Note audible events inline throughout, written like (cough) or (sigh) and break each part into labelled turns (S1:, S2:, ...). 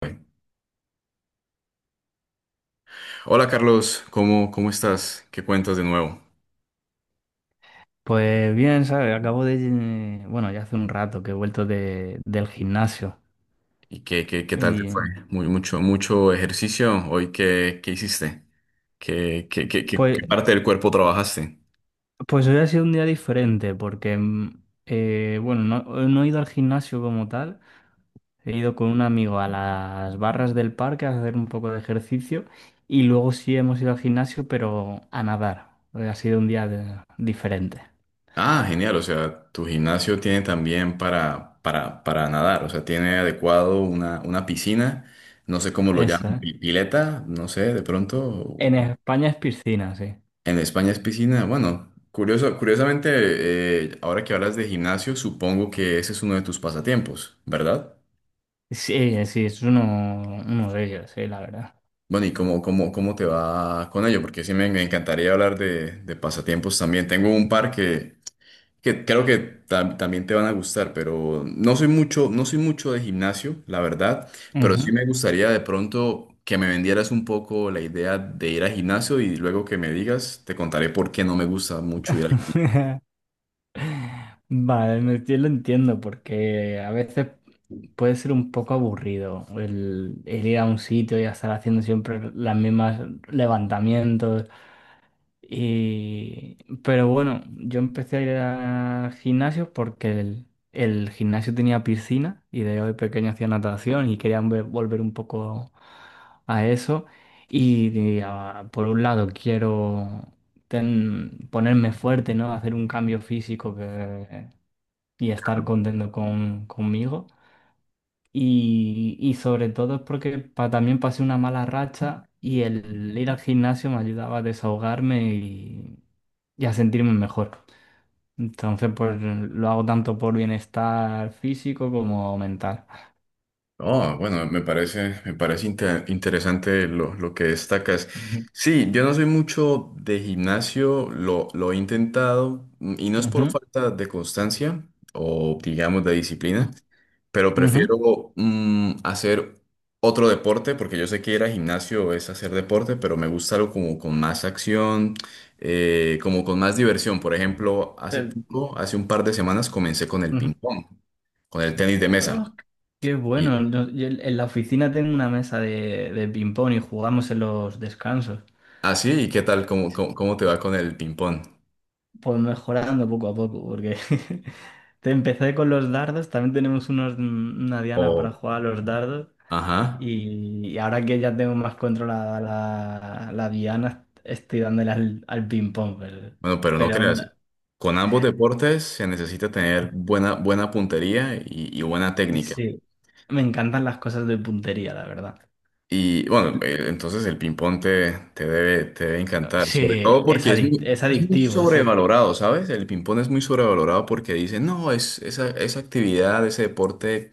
S1: Bueno. Hola Carlos, ¿cómo estás? ¿Qué cuentas de nuevo?
S2: Pues bien, ¿sabes? Bueno, ya hace un rato que he vuelto del gimnasio.
S1: ¿Y qué tal te fue?
S2: Y
S1: Mucho, mucho ejercicio hoy. ¿Qué hiciste? ¿Qué, qué, qué, qué-
S2: pues,
S1: qué parte del cuerpo trabajaste?
S2: pues hoy ha sido un día diferente porque, bueno, no, no he ido al gimnasio como tal. He ido con un amigo a las barras del parque a hacer un poco de ejercicio y luego sí hemos ido al gimnasio, pero a nadar. Hoy ha sido un día diferente.
S1: Ah, genial. O sea, tu gimnasio tiene también para, nadar. O sea, tiene adecuado una piscina. No sé cómo lo
S2: Eso,
S1: llaman,
S2: ¿eh?
S1: pileta, no sé, de pronto.
S2: En España es piscina, sí.
S1: En España es piscina. Bueno, curiosamente, ahora que hablas de gimnasio, supongo que ese es uno de tus pasatiempos, ¿verdad?
S2: Sí, sí, es uno, uno de ellos, sí, la verdad.
S1: Bueno, ¿y cómo te va con ello? Porque sí me encantaría hablar de pasatiempos también. Tengo un par que creo que también te van a gustar, pero no soy mucho de gimnasio, la verdad, pero sí
S2: Ujú.
S1: me gustaría de pronto que me vendieras un poco la idea de ir al gimnasio y luego que me digas, te contaré por qué no me gusta mucho ir al.
S2: (laughs) Vale, yo lo entiendo porque a veces puede ser un poco aburrido el ir a un sitio y estar haciendo siempre las mismas levantamientos. Y... Pero bueno, yo empecé a ir a gimnasios porque el gimnasio tenía piscina y de pequeño hacía natación y quería volver un poco a eso. Por un lado quiero ponerme fuerte, ¿no? Hacer un cambio físico que y estar contento conmigo. Y sobre todo es porque también pasé una mala racha y el ir al gimnasio me ayudaba a desahogarme y a sentirme mejor. Entonces, pues lo hago tanto por bienestar físico como mental.
S1: Oh, bueno, me parece interesante lo que destacas.
S2: Ujú.
S1: Sí, yo no
S2: Y-
S1: soy mucho de gimnasio, lo he intentado, y no es por
S2: Ujú,
S1: falta de constancia o digamos de disciplina, pero
S2: ujú.
S1: prefiero hacer otro deporte porque yo sé que ir al gimnasio es hacer deporte, pero me gusta algo como con más acción, como con más diversión. Por ejemplo, hace
S2: Pero-
S1: poco, hace un par de semanas comencé con el
S2: Ujú.
S1: ping pong, con el tenis de
S2: Oh,
S1: mesa.
S2: qué bueno. No, yo en la oficina tengo una mesa de ping-pong y jugamos en los descansos.
S1: Ah, sí, ¿y qué tal? ¿Cómo te va con el ping-pong?
S2: Pues mejorando poco a poco, porque (laughs) te empecé con los dardos, también tenemos una diana para
S1: O,
S2: jugar a los dardos
S1: ajá.
S2: y ahora que ya tengo más controlada la diana, estoy dándole al ping pong,
S1: Bueno, pero no
S2: pero aún-
S1: creas. Con ambos deportes se necesita tener buena puntería y, buena técnica.
S2: sí, me encantan las cosas de puntería, la verdad.
S1: Y bueno, entonces el ping-pong te, te debe encantar,
S2: Sí,
S1: sobre todo
S2: es
S1: porque
S2: es
S1: es muy
S2: adictivo, sí.
S1: sobrevalorado, ¿sabes? El ping-pong es muy sobrevalorado porque dicen, no, es, esa, actividad, ese deporte,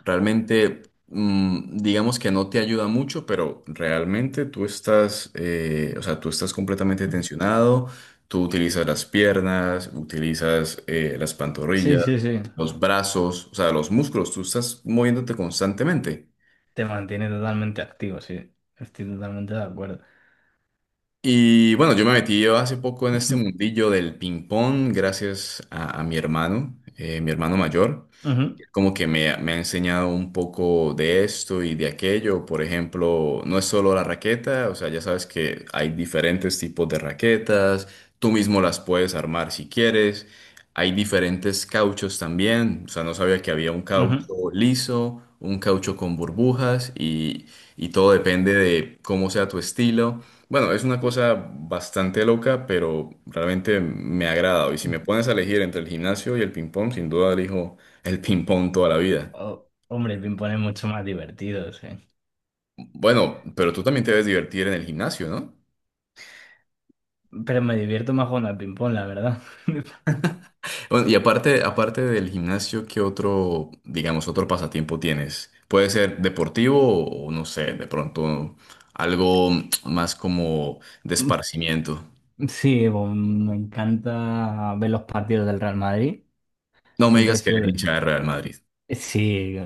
S1: realmente, digamos que no te ayuda mucho, pero realmente tú estás, o sea, tú estás completamente tensionado, tú utilizas las piernas, utilizas las
S2: Sí,
S1: pantorrillas,
S2: sí, sí.
S1: los brazos, o sea, los músculos, tú estás moviéndote constantemente.
S2: Te mantiene totalmente activo, sí. Estoy totalmente de acuerdo.
S1: Y bueno, yo me metí hace poco en
S2: (laughs)
S1: este mundillo del ping pong gracias a, mi hermano mayor
S2: Ujú,
S1: como que me ha enseñado un poco de esto y de aquello. Por ejemplo, no es solo la raqueta, o sea, ya sabes que hay diferentes tipos de raquetas, tú mismo las puedes armar si quieres. Hay diferentes cauchos también, o sea, no sabía que había un
S2: ujú,
S1: caucho liso, un caucho con burbujas y todo depende de cómo sea tu estilo. Bueno, es una cosa bastante loca, pero realmente me ha agradado. Y si me
S2: ujú.
S1: pones a elegir entre el gimnasio y el ping-pong, sin duda elijo el ping-pong toda la vida.
S2: Oh, hombre, el ping-pong es mucho más divertido, sí.
S1: Bueno, pero tú también te debes divertir en el gimnasio, ¿no?
S2: Pero me divierto más jugando al ping-pong, la verdad. (laughs)
S1: Bueno, y aparte, aparte del gimnasio, ¿qué otro, digamos, otro pasatiempo tienes? Puede ser deportivo o no sé, de pronto algo más como de esparcimiento.
S2: Sí, bueno, me encanta ver los partidos del Real Madrid.
S1: No me
S2: Siempre he
S1: digas que
S2: sido...
S1: eres
S2: de-
S1: hincha de Real Madrid.
S2: Sí,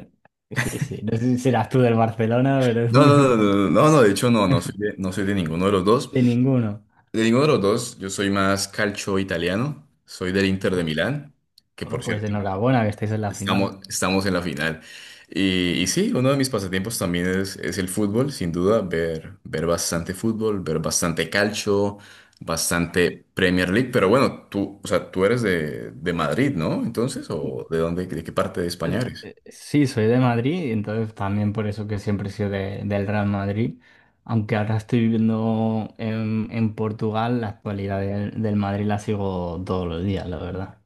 S2: sí, sí. No sé si serás tú del Barcelona, pero (laughs)
S1: No, no, no, no, no, no, no, de hecho no, no soy de ninguno de los dos.
S2: de ninguno.
S1: De ninguno de los dos, yo soy más calcio italiano, soy del Inter de Milán, que
S2: Oh,
S1: por
S2: pues
S1: cierto.
S2: enhorabuena que estáis en la final.
S1: Estamos en la final. Y sí, uno de mis pasatiempos también es el fútbol, sin duda, ver bastante fútbol, ver bastante calcio, bastante Premier League. Pero bueno, tú, o sea, tú eres de, Madrid, ¿no? Entonces, ¿o de dónde, de qué parte de España eres?
S2: Sí, soy de Madrid, y entonces también por eso que siempre he sido del Real Madrid, aunque ahora estoy viviendo en Portugal, la actualidad del Madrid la sigo todos los días, la verdad.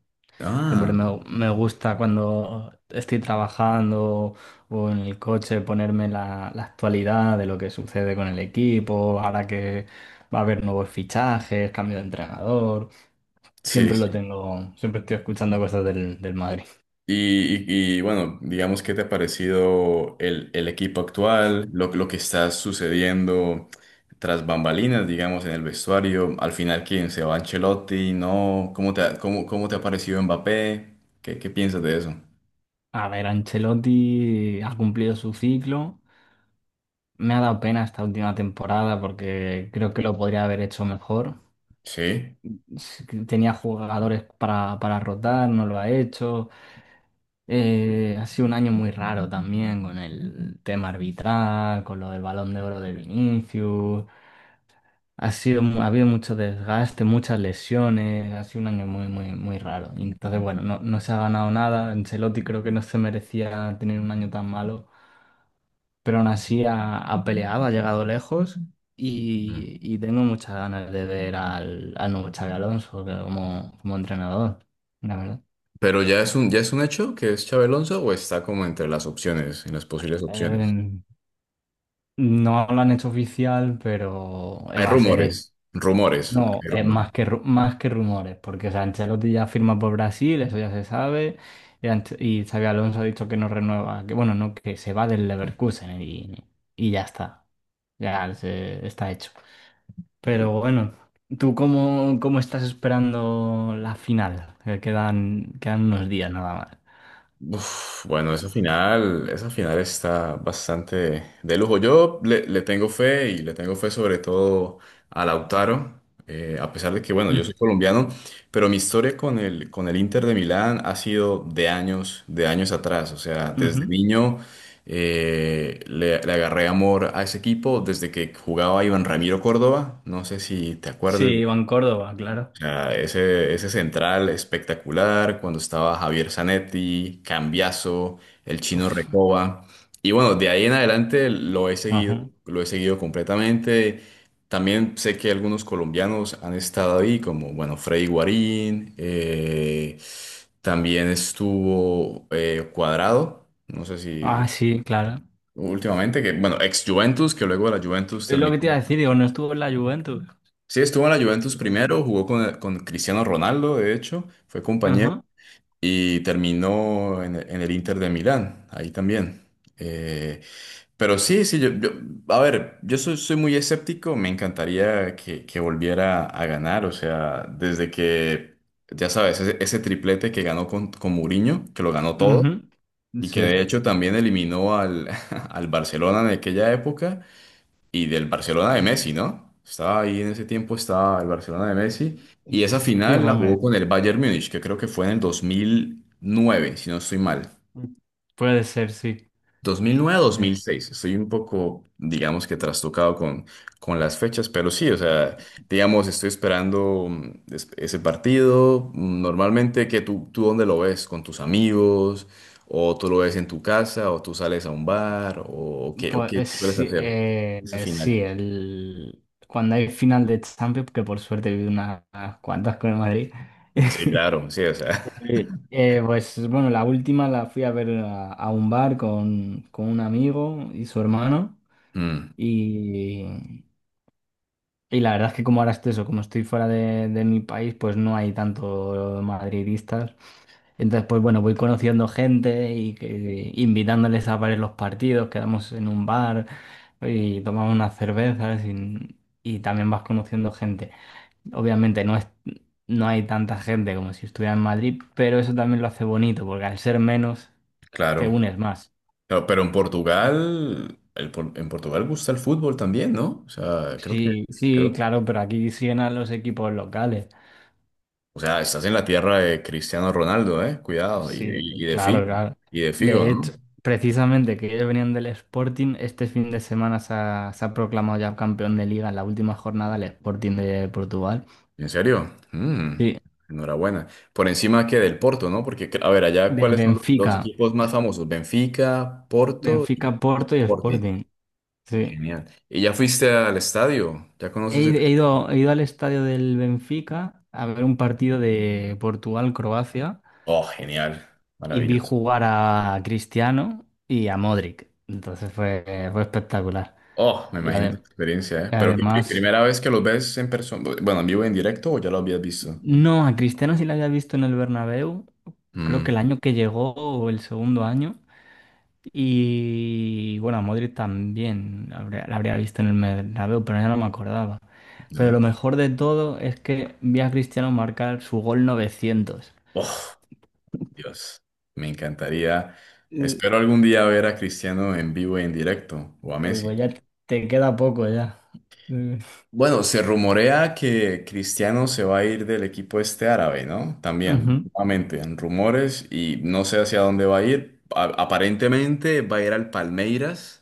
S2: Siempre
S1: Ah,
S2: me gusta cuando estoy trabajando o en el coche ponerme la actualidad de lo que sucede con el equipo, ahora que va a haber nuevos fichajes, cambio de entrenador,
S1: sí.
S2: siempre lo
S1: Sí.
S2: tengo, siempre estoy escuchando cosas del Madrid.
S1: Y, y, bueno, digamos, ¿qué te ha parecido el equipo actual, lo que está sucediendo tras bambalinas, digamos, en el vestuario? Al final, ¿quién se va? Ancelotti, ¿no? ¿Cómo te ha parecido Mbappé? ¿Qué piensas de eso?
S2: A ver, Ancelotti ha cumplido su ciclo. Me ha dado pena esta última temporada porque creo que lo podría haber hecho mejor.
S1: Sí.
S2: Tenía jugadores para rotar, no lo ha hecho. Ha sido un año muy raro también con el tema arbitral, con lo del Balón de Oro de Vinicius. Ha habido mucho desgaste, muchas lesiones. Ha sido un año muy, muy, muy raro. Y entonces, bueno, no, no se ha ganado nada. Ancelotti creo que no se merecía tener un año tan malo. Pero aún así ha peleado, ha llegado lejos
S1: Mm.
S2: y tengo muchas ganas de ver al nuevo Xabi Alonso que como entrenador, la verdad.
S1: Pero ya es un hecho que es Xabi Alonso o está como entre las opciones, en las posibles opciones.
S2: Eh, no lo han hecho oficial, pero
S1: Hay
S2: va a ser él.
S1: rumores, rumores,
S2: No,
S1: hay
S2: es
S1: rumores.
S2: más que rumores, porque o sea, Ancelotti ya firma por Brasil, eso ya se sabe, y Xabi Alonso ha dicho que no renueva, que bueno, no, que se va del Leverkusen y ya está, está hecho. Pero bueno, ¿tú cómo estás esperando la final? Que quedan unos días nada más.
S1: Uf, bueno, esa final está bastante de lujo. Yo le tengo fe y le tengo fe sobre todo a Lautaro, a pesar de que, bueno, yo soy colombiano, pero mi historia con el, Inter de Milán ha sido de años atrás. O sea,
S2: Mm, ujú.
S1: desde niño le agarré amor a ese equipo desde que jugaba Iván Ramiro Córdoba. No sé si te
S2: Sí,
S1: acuerdas.
S2: Iván Córdoba, claro.
S1: Ah, ese, central espectacular, cuando estaba Javier Zanetti, Cambiaso, el chino
S2: Uf,
S1: Recoba. Y bueno, de ahí en adelante
S2: ajá.
S1: lo he seguido completamente. También sé que algunos colombianos han estado ahí, como bueno, Freddy Guarín, también estuvo Cuadrado, no sé si
S2: Ah, sí, claro.
S1: últimamente, que bueno, ex Juventus, que luego de la Juventus
S2: Es lo que
S1: terminó.
S2: te iba a decir, digo, no estuvo en la Juventus.
S1: Sí, estuvo en la Juventus
S2: Sí.
S1: primero, jugó con, Cristiano Ronaldo, de hecho, fue compañero
S2: Ajá,
S1: y terminó en, el Inter de Milán, ahí también. Eh, pero sí, sí, a ver, yo soy, soy muy escéptico, me encantaría que volviera a ganar, o sea, desde que, ya sabes, ese, triplete que ganó con, Mourinho, que lo ganó todo,
S2: ujú.
S1: y que de
S2: Sí.
S1: hecho también eliminó al, (laughs) al Barcelona en aquella época y del Barcelona de Messi, ¿no? Estaba ahí en ese tiempo, estaba el Barcelona de Messi. Y esa
S2: Sí,
S1: final la
S2: hombre.
S1: jugó con el Bayern Múnich, que creo que fue en el 2009, si no estoy mal.
S2: Puede ser, sí. Eh,
S1: 2009-2006. Estoy un poco, digamos que trastocado con, las fechas, pero sí, o sea, digamos, estoy esperando, ese partido. Normalmente, ¿tú dónde lo ves? ¿Con tus amigos? ¿O tú lo ves en tu casa? ¿O tú sales a un bar? ¿O qué, o
S2: Pues
S1: qué sueles
S2: sí,
S1: hacer esa final?
S2: sí, cuando hay final de Champions, que por suerte he vivido unas cuantas con el Madrid,
S1: Sí, claro, sí, o
S2: (laughs)
S1: sea,
S2: pues bueno, la última la fui a ver a un bar con un amigo y su hermano
S1: (laughs) mm,
S2: y, y la verdad es que como ahora estoy eso, como estoy fuera de mi país, pues no hay tanto madridistas entonces, pues bueno, voy conociendo gente y invitándoles a varios los partidos, quedamos en un bar y tomamos unas cervezas y también vas conociendo gente. Obviamente no hay tanta gente como si estuviera en Madrid, pero eso también lo hace bonito, porque al ser menos te
S1: claro.
S2: unes más.
S1: No, pero en Portugal, en Portugal gusta el fútbol también, ¿no? O sea, creo que,
S2: Sí, sí,
S1: creo,
S2: claro, pero aquí siguen a los equipos locales.
S1: o sea, estás en la tierra de Cristiano Ronaldo, ¿eh? Cuidado,
S2: Sí, claro, claro.
S1: Y de Figo,
S2: De hecho,
S1: ¿no?
S2: precisamente que ellos venían del Sporting, este fin de semana se ha proclamado ya campeón de liga en la última jornada el Sporting de Portugal.
S1: ¿En serio? Mm,
S2: Sí,
S1: enhorabuena. Por encima que del Porto, ¿no? Porque, a ver, allá,
S2: del
S1: ¿cuáles son los
S2: Benfica.
S1: equipos más famosos? Benfica, Porto y
S2: Benfica, Porto y
S1: Sporting.
S2: Sporting. Sí.
S1: Genial. ¿Y ya fuiste al estadio? ¿Ya
S2: He,
S1: conoces el
S2: ido, he
S1: estadio?
S2: ido he ido al estadio del Benfica a ver un partido de Portugal-Croacia
S1: Oh, genial,
S2: y vi
S1: maravilloso.
S2: jugar a Cristiano y a Modric. Entonces fue espectacular.
S1: Oh, me
S2: Y
S1: imagino esa
S2: ade-
S1: experiencia, ¿eh?
S2: y
S1: Pero
S2: además...
S1: ¿primera vez que los ves en persona, bueno, en vivo, en directo o ya lo habías visto?
S2: No, a Cristiano sí la había visto en el Bernabéu, creo que el
S1: Mm,
S2: año que llegó o el segundo año. Y bueno, a Modric también la habría visto en el Bernabéu, pero ya no me acordaba. Pero lo
S1: ¿no?
S2: mejor de todo es que vi a Cristiano marcar su gol 900.
S1: Oh, Dios, me encantaría.
S2: Eh,
S1: Espero algún día ver a Cristiano en vivo y en directo o a
S2: Uy,
S1: Messi.
S2: pues ya te queda poco ya. Eh,
S1: Bueno, se rumorea que Cristiano se va a ir del equipo este árabe, ¿no? También,
S2: Ujú.
S1: nuevamente, en rumores y no sé hacia dónde va a ir. Aparentemente va a ir al Palmeiras.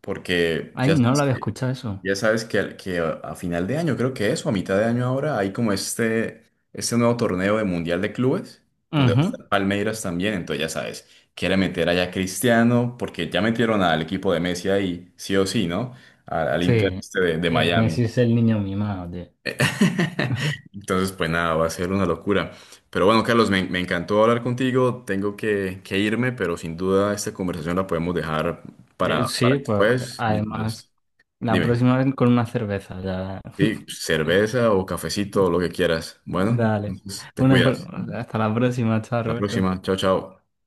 S1: Porque
S2: Ay,
S1: ya
S2: no lo
S1: sabes
S2: había
S1: que,
S2: escuchado eso.
S1: a final de año, creo que es, o a mitad de año ahora, hay como este, nuevo torneo de Mundial de Clubes, donde va a
S2: Ujú.
S1: estar Palmeiras también, entonces ya sabes, quiere meter allá a Cristiano, porque ya metieron al equipo de Messi ahí, sí o sí, ¿no? Al
S2: Sí,
S1: Inter este de
S2: Messi
S1: Miami.
S2: es el niño mimado, tío.
S1: (laughs) Entonces, pues nada, va a ser una locura. Pero bueno, Carlos, me encantó hablar contigo, tengo que irme, pero sin duda esta conversación la podemos dejar para,
S2: Sí, pues
S1: después,
S2: además.
S1: mientras.
S2: La
S1: Dime,
S2: próxima vez con una cerveza, ya.
S1: sí,
S2: (laughs)
S1: cerveza o cafecito, lo que quieras. Bueno,
S2: Dale.
S1: entonces te
S2: Una, pro-
S1: cuidas.
S2: Hasta la próxima, chao,
S1: La próxima,
S2: Roberto.
S1: chao, chao.